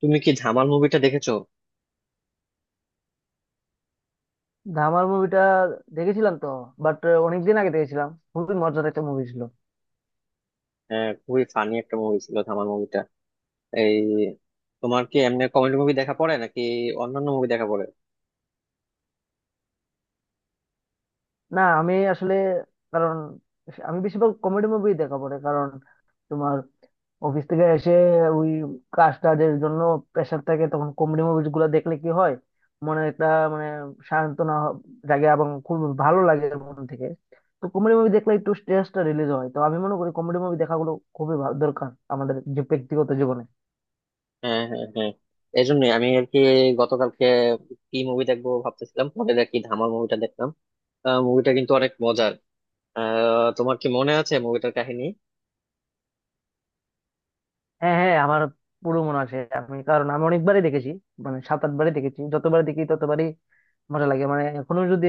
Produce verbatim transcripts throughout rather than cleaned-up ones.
তুমি কি ধামাল মুভিটা দেখেছো? ধামাল মুভিটা দেখেছিলাম তো, বাট অনেকদিন আগে দেখেছিলাম, খুবই মজার একটা মুভি ছিল। হ্যাঁ, খুবই ফানি একটা মুভি ছিল ধামাল মুভিটা। এই তোমার কি এমনি কমেডি মুভি দেখা পড়ে নাকি? অন্যান্য মুভি দেখা পড়ে? না আমি আসলে, কারণ আমি বেশিরভাগ কমেডি মুভি দেখা পড়ে, কারণ তোমার অফিস থেকে এসে ওই কাজ টাজের জন্য প্রেশার থাকে, তখন কমেডি মুভি গুলো দেখলে কি হয়, মনে একটা মানে সান্ত্বনা হ- জাগে এবং খুব ভালো লাগে মন থেকে। তো কমেডি মুভি দেখলে একটু স্ট্রেসটা রিলিজ হয়, তো আমি মনে করি কমেডি মুভি দেখাগুলো খুবই ভালো, দরকার আমাদের যে ব্যক্তিগত জীবনে। হ্যাঁ, হ্যাঁ, হ্যাঁ। এই জন্য আমি আর কি গতকালকে কি মুভি দেখবো ভাবতেছিলাম, পরে দেখি ধামাল মুভিটা দেখলাম। মুভিটা কিন্তু অনেক মজার। আহ, তোমার কি মনে আছে মুভিটার কাহিনী? হ্যাঁ হ্যাঁ, আমার পুরো মনে আছে, আমি কারণ আমি অনেকবারই দেখেছি, মানে সাত আটবারই দেখেছি, যতবার দেখি ততবারই মজা লাগে। মানে এখনো যদি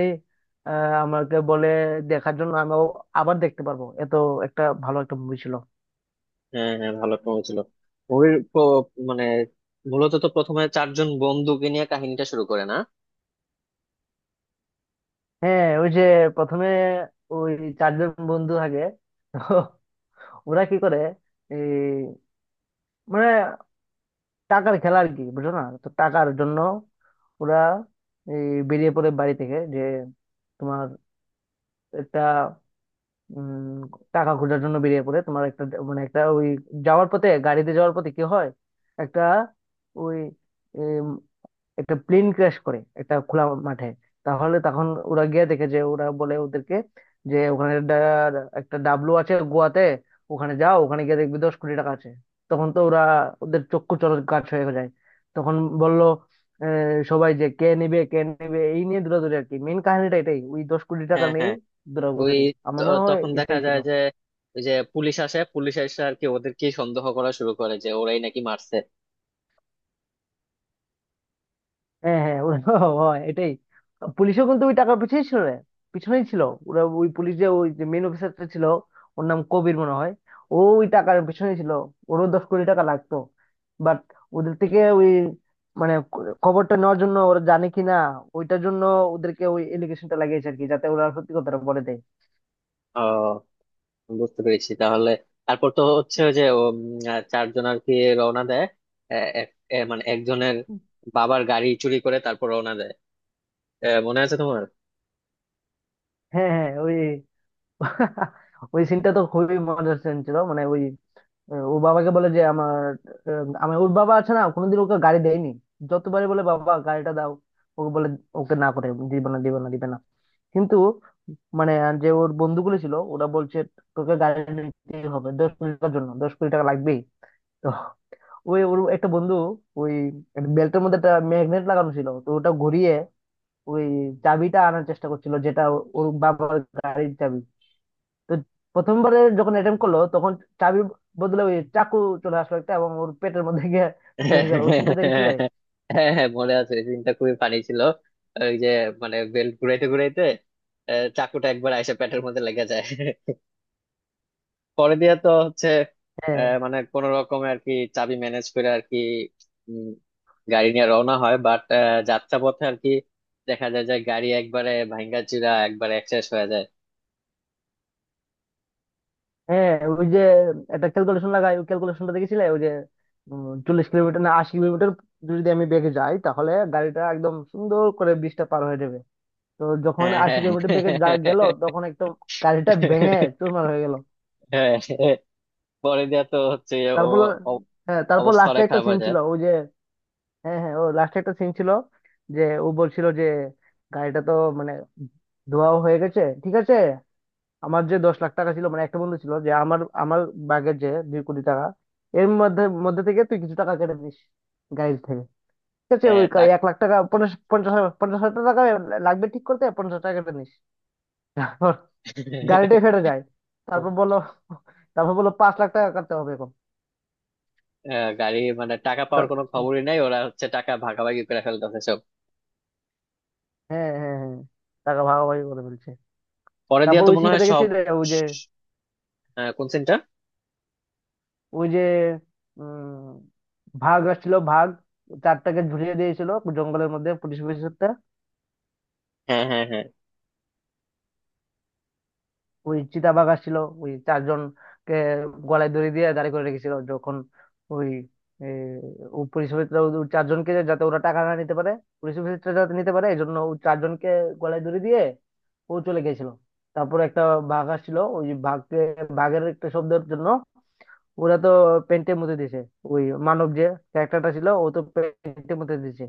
আহ আমাকে বলে দেখার জন্য, আমি আবার দেখতে পারবো, এত একটা ভালো একটা মুভি ছিল। হ্যাঁ, হ্যাঁ, ভালো একটা মুভি ছিল। মুভির মানে মূলত তো প্রথমে চারজন বন্ধুকে নিয়ে কাহিনীটা শুরু করে না? হ্যাঁ ওই যে প্রথমে ওই চারজন বন্ধু আগে, তো ওরা কি করে এই মানে টাকার খেলা আর কি, বুঝো না? তো টাকার জন্য ওরা এই বেরিয়ে পড়ে বাড়ি থেকে, যে তোমার একটা উম টাকা খোঁজার জন্য বেরিয়ে পড়ে, তোমার একটা মানে একটা ওই যাওয়ার পথে গাড়িতে যাওয়ার পথে কি হয়, একটা ওই একটা প্লেন ক্র্যাশ করে একটা খোলা মাঠে। তাহলে তখন ওরা গিয়ে দেখে, যে ওরা বলে ওদেরকে যে ওখানে ডা- একটা ডাবলু আছে গোয়াতে, ওখানে যাও, ওখানে গিয়ে দেখবি দশ কোটি টাকা আছে। তখন তো ওরা ওদের চক্ষু চড়ক গাছ হয়ে যায়। তখন বললো আহ, সবাই যে কে নেবে কে নেবে এই নিয়ে দৌড়াদৌড়ি, আর কি মেন কাহিনীটা এটাই, ওই দশ কোটি টাকা হ্যাঁ, নিয়েই হ্যাঁ। ওই দৌড়াদৌড়ি। আমার মনে ত- হয় তখন দেখা এটাই ছিল। যায় যে ওই যে পুলিশ আসে, পুলিশ এসে আর কি ওদেরকে সন্দেহ করা শুরু করে যে ওরাই নাকি মারছে। হ্যাঁ হ্যাঁ ওরা হয় এটাই, পুলিশও কিন্তু ওই টাকার পিছনেই ছিল রে, পিছনেই ছিল। ওরা ওই পুলিশ, যে ওই যে মেন অফিসারটা ছিল, ওর নাম কবির মনে হয়, ও ওই টাকার পিছনেই ছিল, ওরও দশ কোটি টাকা লাগতো। বাট ওদের থেকে ওই মানে ক- খবরটা নেওয়ার জন্য, ওরা জানে কি না ওইটার জন্য ওদেরকে ওই এলিগেশনটা লাগিয়েছে আর কি, যাতে ওরা সত্যি কথাটা বলে দেয়। ও, বুঝতে পেরেছি। তাহলে তারপর তো হচ্ছে ওই যে ও, উম, আহ, চারজন আর কি রওনা দেয়। এ- এক- এ মানে একজনের বাবার গাড়ি চুরি করে তারপর রওনা দেয়। এ, মনে আছে তোমার? হ্যাঁ হ্যাঁ ওই ওই সিনটা তো খুবই মজার সিন ছিল, মানে ওই ও বাবাকে বলে যে আমার আহ, আমি ওর বাবা আছে না, কোনোদিন ওকে গাড়ি দেয়নি, যতবারই বলে বাবা গাড়িটা দাও, ওকে বলে ওকে না করে দিবে না দিবে না দিবে না। কিন্তু মানে যে ওর বন্ধুগুলো ছিল ওরা বলছে তোকে গাড়ি নিতেই হবে, দশ কোটি টাকার জন্য, দশ কোটি টাকা লাগবেই। তো ওই ওর একটা বন্ধু ওই বেল্টের মধ্যে একটা ম্যাগনেট লাগানো ছিল, তো ওটা ঘুরিয়ে ওই চাবিটা আনার চেষ্টা করছিল, যেটা ওর বাবার গাড়ির চাবি। তো প্রথমবারে যখন অ্যাটেম্প করলো তখন চাবির বদলে ওই চাকু চলে আসলো একটা, এবং ওর পেটের মধ্যে গিয়ে ঢুকে গেল, ওই সিনটা হ্যাঁ, দেখেছিলে? হ্যাঁ, মনে আছে। এই দিনটা খুবই ফানি ছিল। ওই যে মানে বেল্ট ঘুরাইতে ঘুরাইতে আহ, চাকুটা একবার আইসা পেটের মধ্যে লেগে যায়। পরে দিয়ে তো হচ্ছে হ্যাঁ আহ, মানে কোন রকমে আর কি চাবি ম্যানেজ করে আর কি উম, গাড়ি নিয়ে রওনা হয়, বাট যাত্রা পথে আর কি দেখা যায় যে গাড়ি একবারে ভাঙ্গা চিরা একবারে শেষ হয়ে যায়। হ্যাঁ ওই যে একটা ক্যালকুলেশন লাগাই, ওই ক্যালকুলেশনটা দেখেছিলে? ওই যে উম, চল্লিশ কিলোমিটার না আশি কিলোমিটার যদি আমি বেগে যাই, তাহলে গাড়িটা একদম সুন্দর করে ব্রিজটা পার হয়ে যাবে। তো যখন আশি হ্যাঁ, কিলোমিটার বেগে হ্যাঁ, যা- গেল তখন একদম গাড়িটা ভেঙে চুরমার হয়ে গেল। হ্যাঁ, হ্যাঁ। পরে দিয়ে তো হচ্ছে ও তারপর অ- হ্যাঁ, তারপর অবস্থা লাস্টে অনেক একটা খারাপ সিন হয়ে যায়। ছিল ওই যে, হ্যাঁ হ্যাঁ ও লাস্টে একটা সিন ছিল, যে ও বলছিল যে গাড়িটা তো মানে ধোয়া হয়ে গেছে, ঠিক আছে আমার যে দশ লাখ টাকা ছিল, মানে একটা বন্ধু ছিল যে আমার আমার ব্যাগের যে দুই কোটি টাকা এর মধ্যে মধ্যে থেকে তুই কিছু টাকা কেটে দিস গাড়ির থেকে। ঠিক আছে হ্যাঁ, ওই কা- টাক- এক লাখ টাকা, পঞ্চাশ পঞ্চাশ হাজার- পঞ্চাশ হাজার টাকা লাগবে ঠিক করতে, পঞ্চাশ টাকা কেটে নিস। তারপর গাড়িটাই ফেটে যায়, তারপর বললো, তারপর বললো পাঁচ লাখ টাকা কাটতে হবে এখন। আহ, গাড়ি মানে টাকা পাওয়ার তা- কোনো খবরই নাই, ওরা হচ্ছে টাকা ভাগাভাগি করে ফেলতেছে সব। হ্যাঁ হ্যাঁ হ্যাঁ, টাকা ভাগাভাগি করে ফেলছে। পরে দিয়ে তারপর তো ওই মনে সিনটা হয় সব। দেখেছিলে? ওই যে, আহ, কোন সিনটা? ওই যে উম ভাগ আসছিল ভাগ, চারটাকে ঝুলিয়ে দিয়েছিল জঙ্গলের মধ্যে পুলিশ অফিসারটা। হ্যাঁ, হ্যাঁ, হ্যাঁ, ওই চিতাবাঘ আসছিল, ওই চারজনকে গলায় দড়ি দিয়ে দাঁড় করে রেখেছিল যখন ওই এ, ও পুলিশ অফিসার ওই চারজনকে যাতে ওরা টাকা না নিতে পারে, পুলিশ অফিসারটা যাতে নিতে পারে এই জন্য, ও চারজনকে গলায় দড়ি দিয়ে ও চলে গেছিল। তারপর একটা বাঘ আসছিল, ওই বাঘকে বাঘের একটা শব্দের জন্য ওরা তো পেন্টে মুতে দিছে, ওই মানব যে ক্যারেক্টারটা ছিল ও তো পেন্টে মুতে দিছে।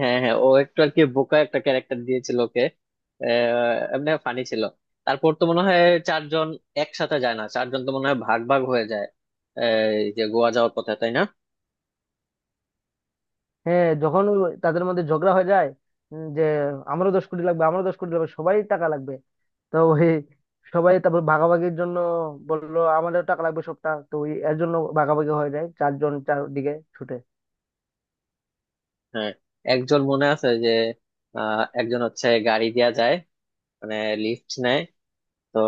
হ্যাঁ, হ্যাঁ। ও একটু আর কি বোকা একটা ক্যারেক্টার দিয়েছিল ওকে। আহ, এমনি ফানি ছিল। তারপর তো মনে হয় চারজন একসাথে যায় না, চারজন তো মনে হয় ভাগ ভাগ হয়ে যায়। আহ, এই যে গোয়া যাওয়ার পথে, তাই না? হ্যাঁ যখন ওই তাদের মধ্যে ঝগড়া হয়ে যায়, উম, যে আমারও দশ কোটি লাগবে, আমারও দশ কোটি লাগবে, সবাই টাকা লাগবে। তো ওই সবাই তারপর ভাগাভাগির জন্য বললো আমারও টাকা লাগবে, সবটা তো ওই এর জন্য ভাগাভাগি হয়ে যায়, চারজন চারদিকে ছুটে। হ্যাঁ। একজন মনে আছে যে আহ, একজন হচ্ছে গাড়ি দিয়া যায়, মানে লিফট নেয়। তো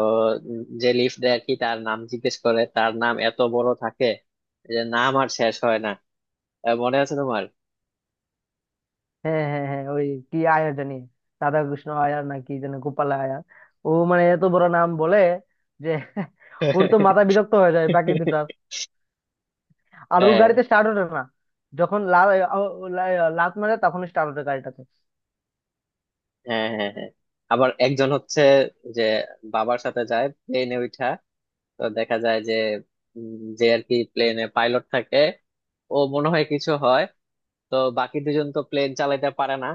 উম, যে লিফট দেয় আর কি তার নাম জিজ্ঞেস করে, তার নাম এত বড় থাকে যে নাম আর শেষ হয় না। আহ, মনে আছে তোমার? হ্যাঁ হ্যাঁ হ্যাঁ, ওই কি আয়ার জানি, রাধাকৃষ্ণ আয়ার না কি যেন গোপাল আয়ার, ও মানে এত বড় নাম বলে যে ওর তো মাথা বিরক্ত হয়ে যায় বাকি দুটার, আর ওর হ্যাঁ, গাড়িতে স্টার্ট ওঠে না। যখন লা- ও- ও- লা- লাত মারে তখন স্টার্ট ওঠে গাড়িটাতে। হ্যাঁ, হ্যাঁ, হ্যাঁ, হ্যাঁ। আবার একজন হচ্ছে যে বাবার সাথে যায় প্লেনে উঠা। তো দেখা যায় যে উম, যে আর কি প্লেনে পাইলট থাকে। ও মনে হয় কিছু হয়। তো বাকি দুজন তো প্লেন চালাতে পারে না।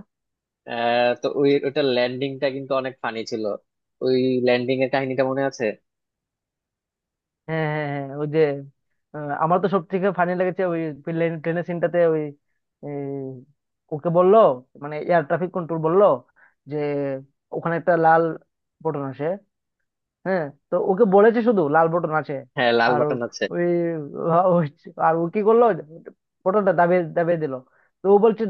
আহ, তো ওই ওটা ল্যান্ডিংটা কিন্তু অনেক ফানি ছিল। ওই ল্যান্ডিং এর কাহিনীটা মনে আছে? হ্যাঁ হ্যাঁ হ্যাঁ ওই যে আহ, আমার তো সব থেকে ফানি লেগেছে ওই ট্রেনের সিনটাতে, ওই এই, ওকে বললো মানে এয়ার ট্রাফিক কন্ট্রোল বললো যে ওখানে একটা লাল বটন আছে, হ্যাঁ, তো ওকে বলেছে শুধু লাল বটন আছে। হ্যাঁ, লাল আর ও- বাটন আছে। ওই ও- আর ও কি করলো, বটনটা দাবিয়ে দাবিয়ে দিল। তো ও বলছে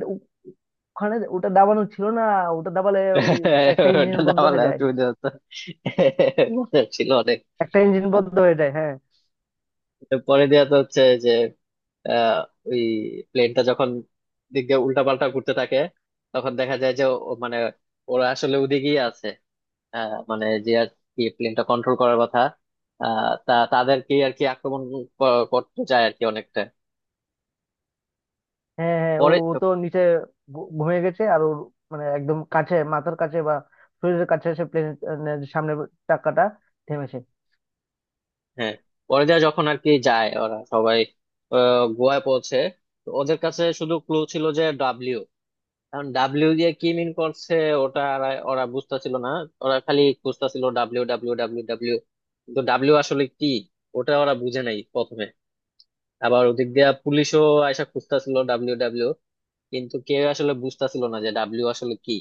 ওখানে ওটা দাবানো ছিল না, ওটা দাবালে ওই একটা ইঞ্জিন ওটা বন্ধ দাবালে হয়ে যায়, অসুবিধা হতো। মজা ছিল অনেক। একটা ইঞ্জিন বন্ধ হয়ে যায় হ্যাঁ। পরে দেয়া তো হচ্ছে যে আহ, ওই প্লেনটা যখন দিক দিয়ে উল্টা পাল্টা ঘুরতে থাকে, তখন দেখা যায় যে ও- মানে ওরা আসলে ওদিকেই আছে। আহ, মানে যে আর কি প্লেনটা কন্ট্রোল করার কথা। আহ, তা তাদেরকে আর কি আক্রমণ ক- করতে যায় আর কি অনেকটা হ্যাঁ হ্যাঁ ও পরে। ও তো নিচে ঘু- ঘুমিয়ে গেছে, আর ওর মানে একদম কাছে মাথার কাছে বা শরীরের কাছে সে প্লেনের সামনে চাকাটা থেমেছে। হ্যাঁ। পরে দেয়া যখন আর কি যায় ওরা সবাই আহ, গোয়ায় পৌঁছে। তো ওদের কাছে শুধু ক্লু ছিল যে ডাব্লিউ। কারণ ডাব্লিউ দিয়ে কি মিন করছে ওটা আর- ওরা বুঝতেছিল না। ওরা খালি বুঝতেছিল ডাব্লিউ, ডাব্লিউ, ডাব্লিউ, ডাব্লিউ। কিন্তু ডাব্লিউ আসলে কি, ওটা ওরা বুঝে নাই প্রথমে। আবার ওদিক দিয়ে পুলিশও আয়সা খুঁজতেছিল ডাব্লিউ, ডাব্লিউ। কিন্তু কেউ আসলে বুঝতেছিল না যে ডাব্লিউ আসলে কি।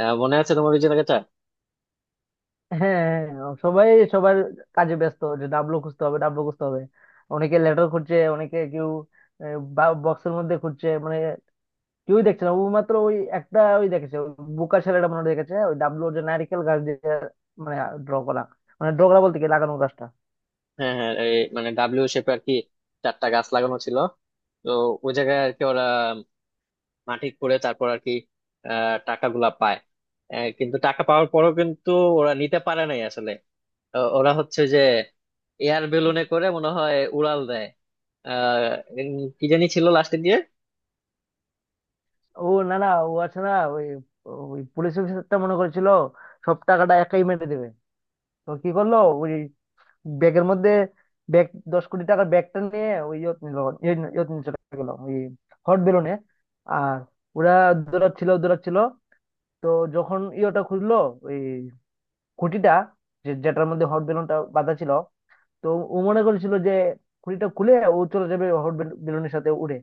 আহ, মনে আছে তোমার ওই জায়গাটা? হ্যাঁ হ্যাঁ, সবাই সবার কাজে ব্যস্ত, যে ডাবলু খুঁজতে হবে ডাবলু খুঁজতে হবে। অনেকে লেটার খুঁজছে, অনেকে কেউ বক্সের মধ্যে খুঁজছে, মানে কেউই দেখছে না, ও মাত্র ওই একটা ওই দেখেছে, ওই বোকা ছেলেটা মনে হয় দেখেছে, ওই ডাবলু যে নারকেল গাছ দিয়ে মানে ড্র করা, মানে ড্র করা বলতে কি লাগানো গাছটা। হ্যাঁ, হ্যাঁ, এই মানে ডাব্লিউ শেপে আর কি চারটা গাছ লাগানো ছিল। তো ওই জায়গায় আর কি ওরা মাটি করে তারপর আর কি আহ টাকাগুলা পায়। আহ, কিন্তু টাকা পাওয়ার পরও কিন্তু ওরা নিতে পারে নাই আসলে। ও- ওরা হচ্ছে যে এয়ার বেলুনে করে মনে হয় উড়াল দেয়। আহ উম, কি জানি ছিল লাস্টের দিয়ে। ও না না ও আছে না ওই, ওই পুলিশ অফিসারটা মনে করেছিল সব টাকাটা একাই মেরে দেবে। তো কি করলো ওই ব্যাগের মধ্যে ব্যাগ, দশ কোটি টাকার ব্যাগটা নিয়ে ওই ইয়ত নিল, ইয়ে- ইয়ত নিয়ে চলে গেলো ওই হট বেলুনে। আর ওরা দৌড়াচ্ছিল দৌড়াচ্ছিল, তো যখন ইয়েটা খুললো ওই খুঁটিটা, যে যেটার মধ্যে হট বেলুনটা বাঁধা ছিল, তো ও মনে করেছিল যে খুঁটিটা খুলে ও চলে যাবে হট বেলুনের সাথে উড়ে।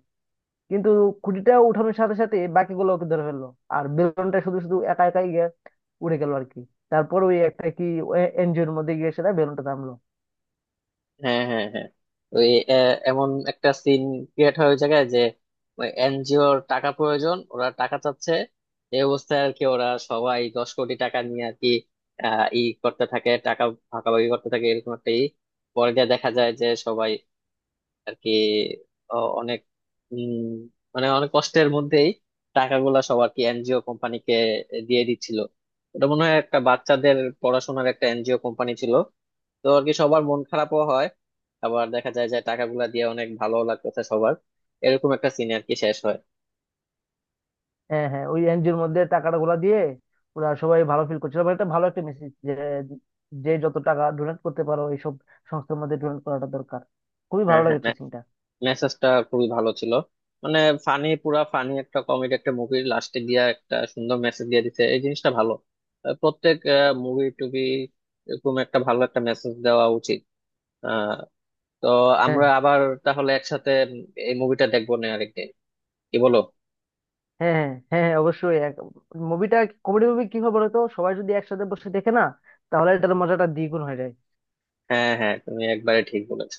কিন্তু খুঁটিটা উঠানোর সাথে সাথে বাকিগুলো ওকে ধরে ফেললো, আর বেলুনটা শুধু শুধু একা একাই গিয়ে উড়ে গেল আর কি। তারপর ওই একটা কি এনজিওর মধ্যে গিয়ে সেটা বেলুনটা থামলো। হ্যাঁ, হ্যাঁ, হ্যাঁ, ওই আহ, এমন একটা সিন ক্রিয়েট হয় ওই জায়গায় যে এনজিওর টাকা প্রয়োজন, ওরা টাকা চাচ্ছে। এই অবস্থায় আর কি ওরা সবাই দশ কোটি টাকা নিয়ে আর কি আহ ই করতে থাকে, টাকা ভাগাভাগি করতে থাকে এরকম একটা ই। পরে গিয়ে দেখা যায় যে সবাই আর কি অ- অনেক উম, মানে অনেক কষ্টের মধ্যেই টাকাগুলা সব আর কি এনজিও কোম্পানিকে দিয়ে দিচ্ছিল। ওটা মনে হয় একটা বাচ্চাদের পড়াশোনার একটা এনজিও কোম্পানি ছিল। তো আর কি সবার মন খারাপও হয়, আবার দেখা যায় যে টাকাগুলা দিয়ে অনেক ভালো লাগতেছে সবার। এরকম একটা সিন আর কি শেষ হয়। হ্যাঁ হ্যাঁ ওই এনজিওর মধ্যে টাকাটা গুলা দিয়ে ওরা সবাই ভালো ফিল করছিল, মানে এটা ভালো একটা মেসেজ, যে যে যত টাকা ডোনেট করতে পারো এইসব সংস্থার মধ্যে, ডোনেট করাটা দরকার। খুবই হ্যাঁ, ভালো হ্যাঁ, লেগেছে সিনটা। মেসেজটা খুবই ভালো ছিল। মানে ফানি, পুরা ফানি একটা কমেডি একটা মুভির লাস্টে গিয়া একটা সুন্দর মেসেজ দিয়ে দিতে, এই জিনিসটা ভালো। আহ, প্রত্যেক মুভি টুবি এরকম একটা ভালো একটা মেসেজ দেওয়া উচিত। আহ তো হ্যাঁ আমরা আবার তাহলে একসাথে উম এই মুভিটা দেখবো না আরেকদিন? কি বলো? হ্যাঁ হ্যাঁ হ্যাঁ হ্যাঁ, অবশ্যই। মুভিটা, কমেডি মুভি কি হয় বলতো, সবাই যদি একসাথে বসে দেখে না, তাহলে এটার মজাটা দ্বিগুণ হয়ে যায়। হ্যাঁ, হ্যাঁ, তুমি একবারে ঠিক বলেছ।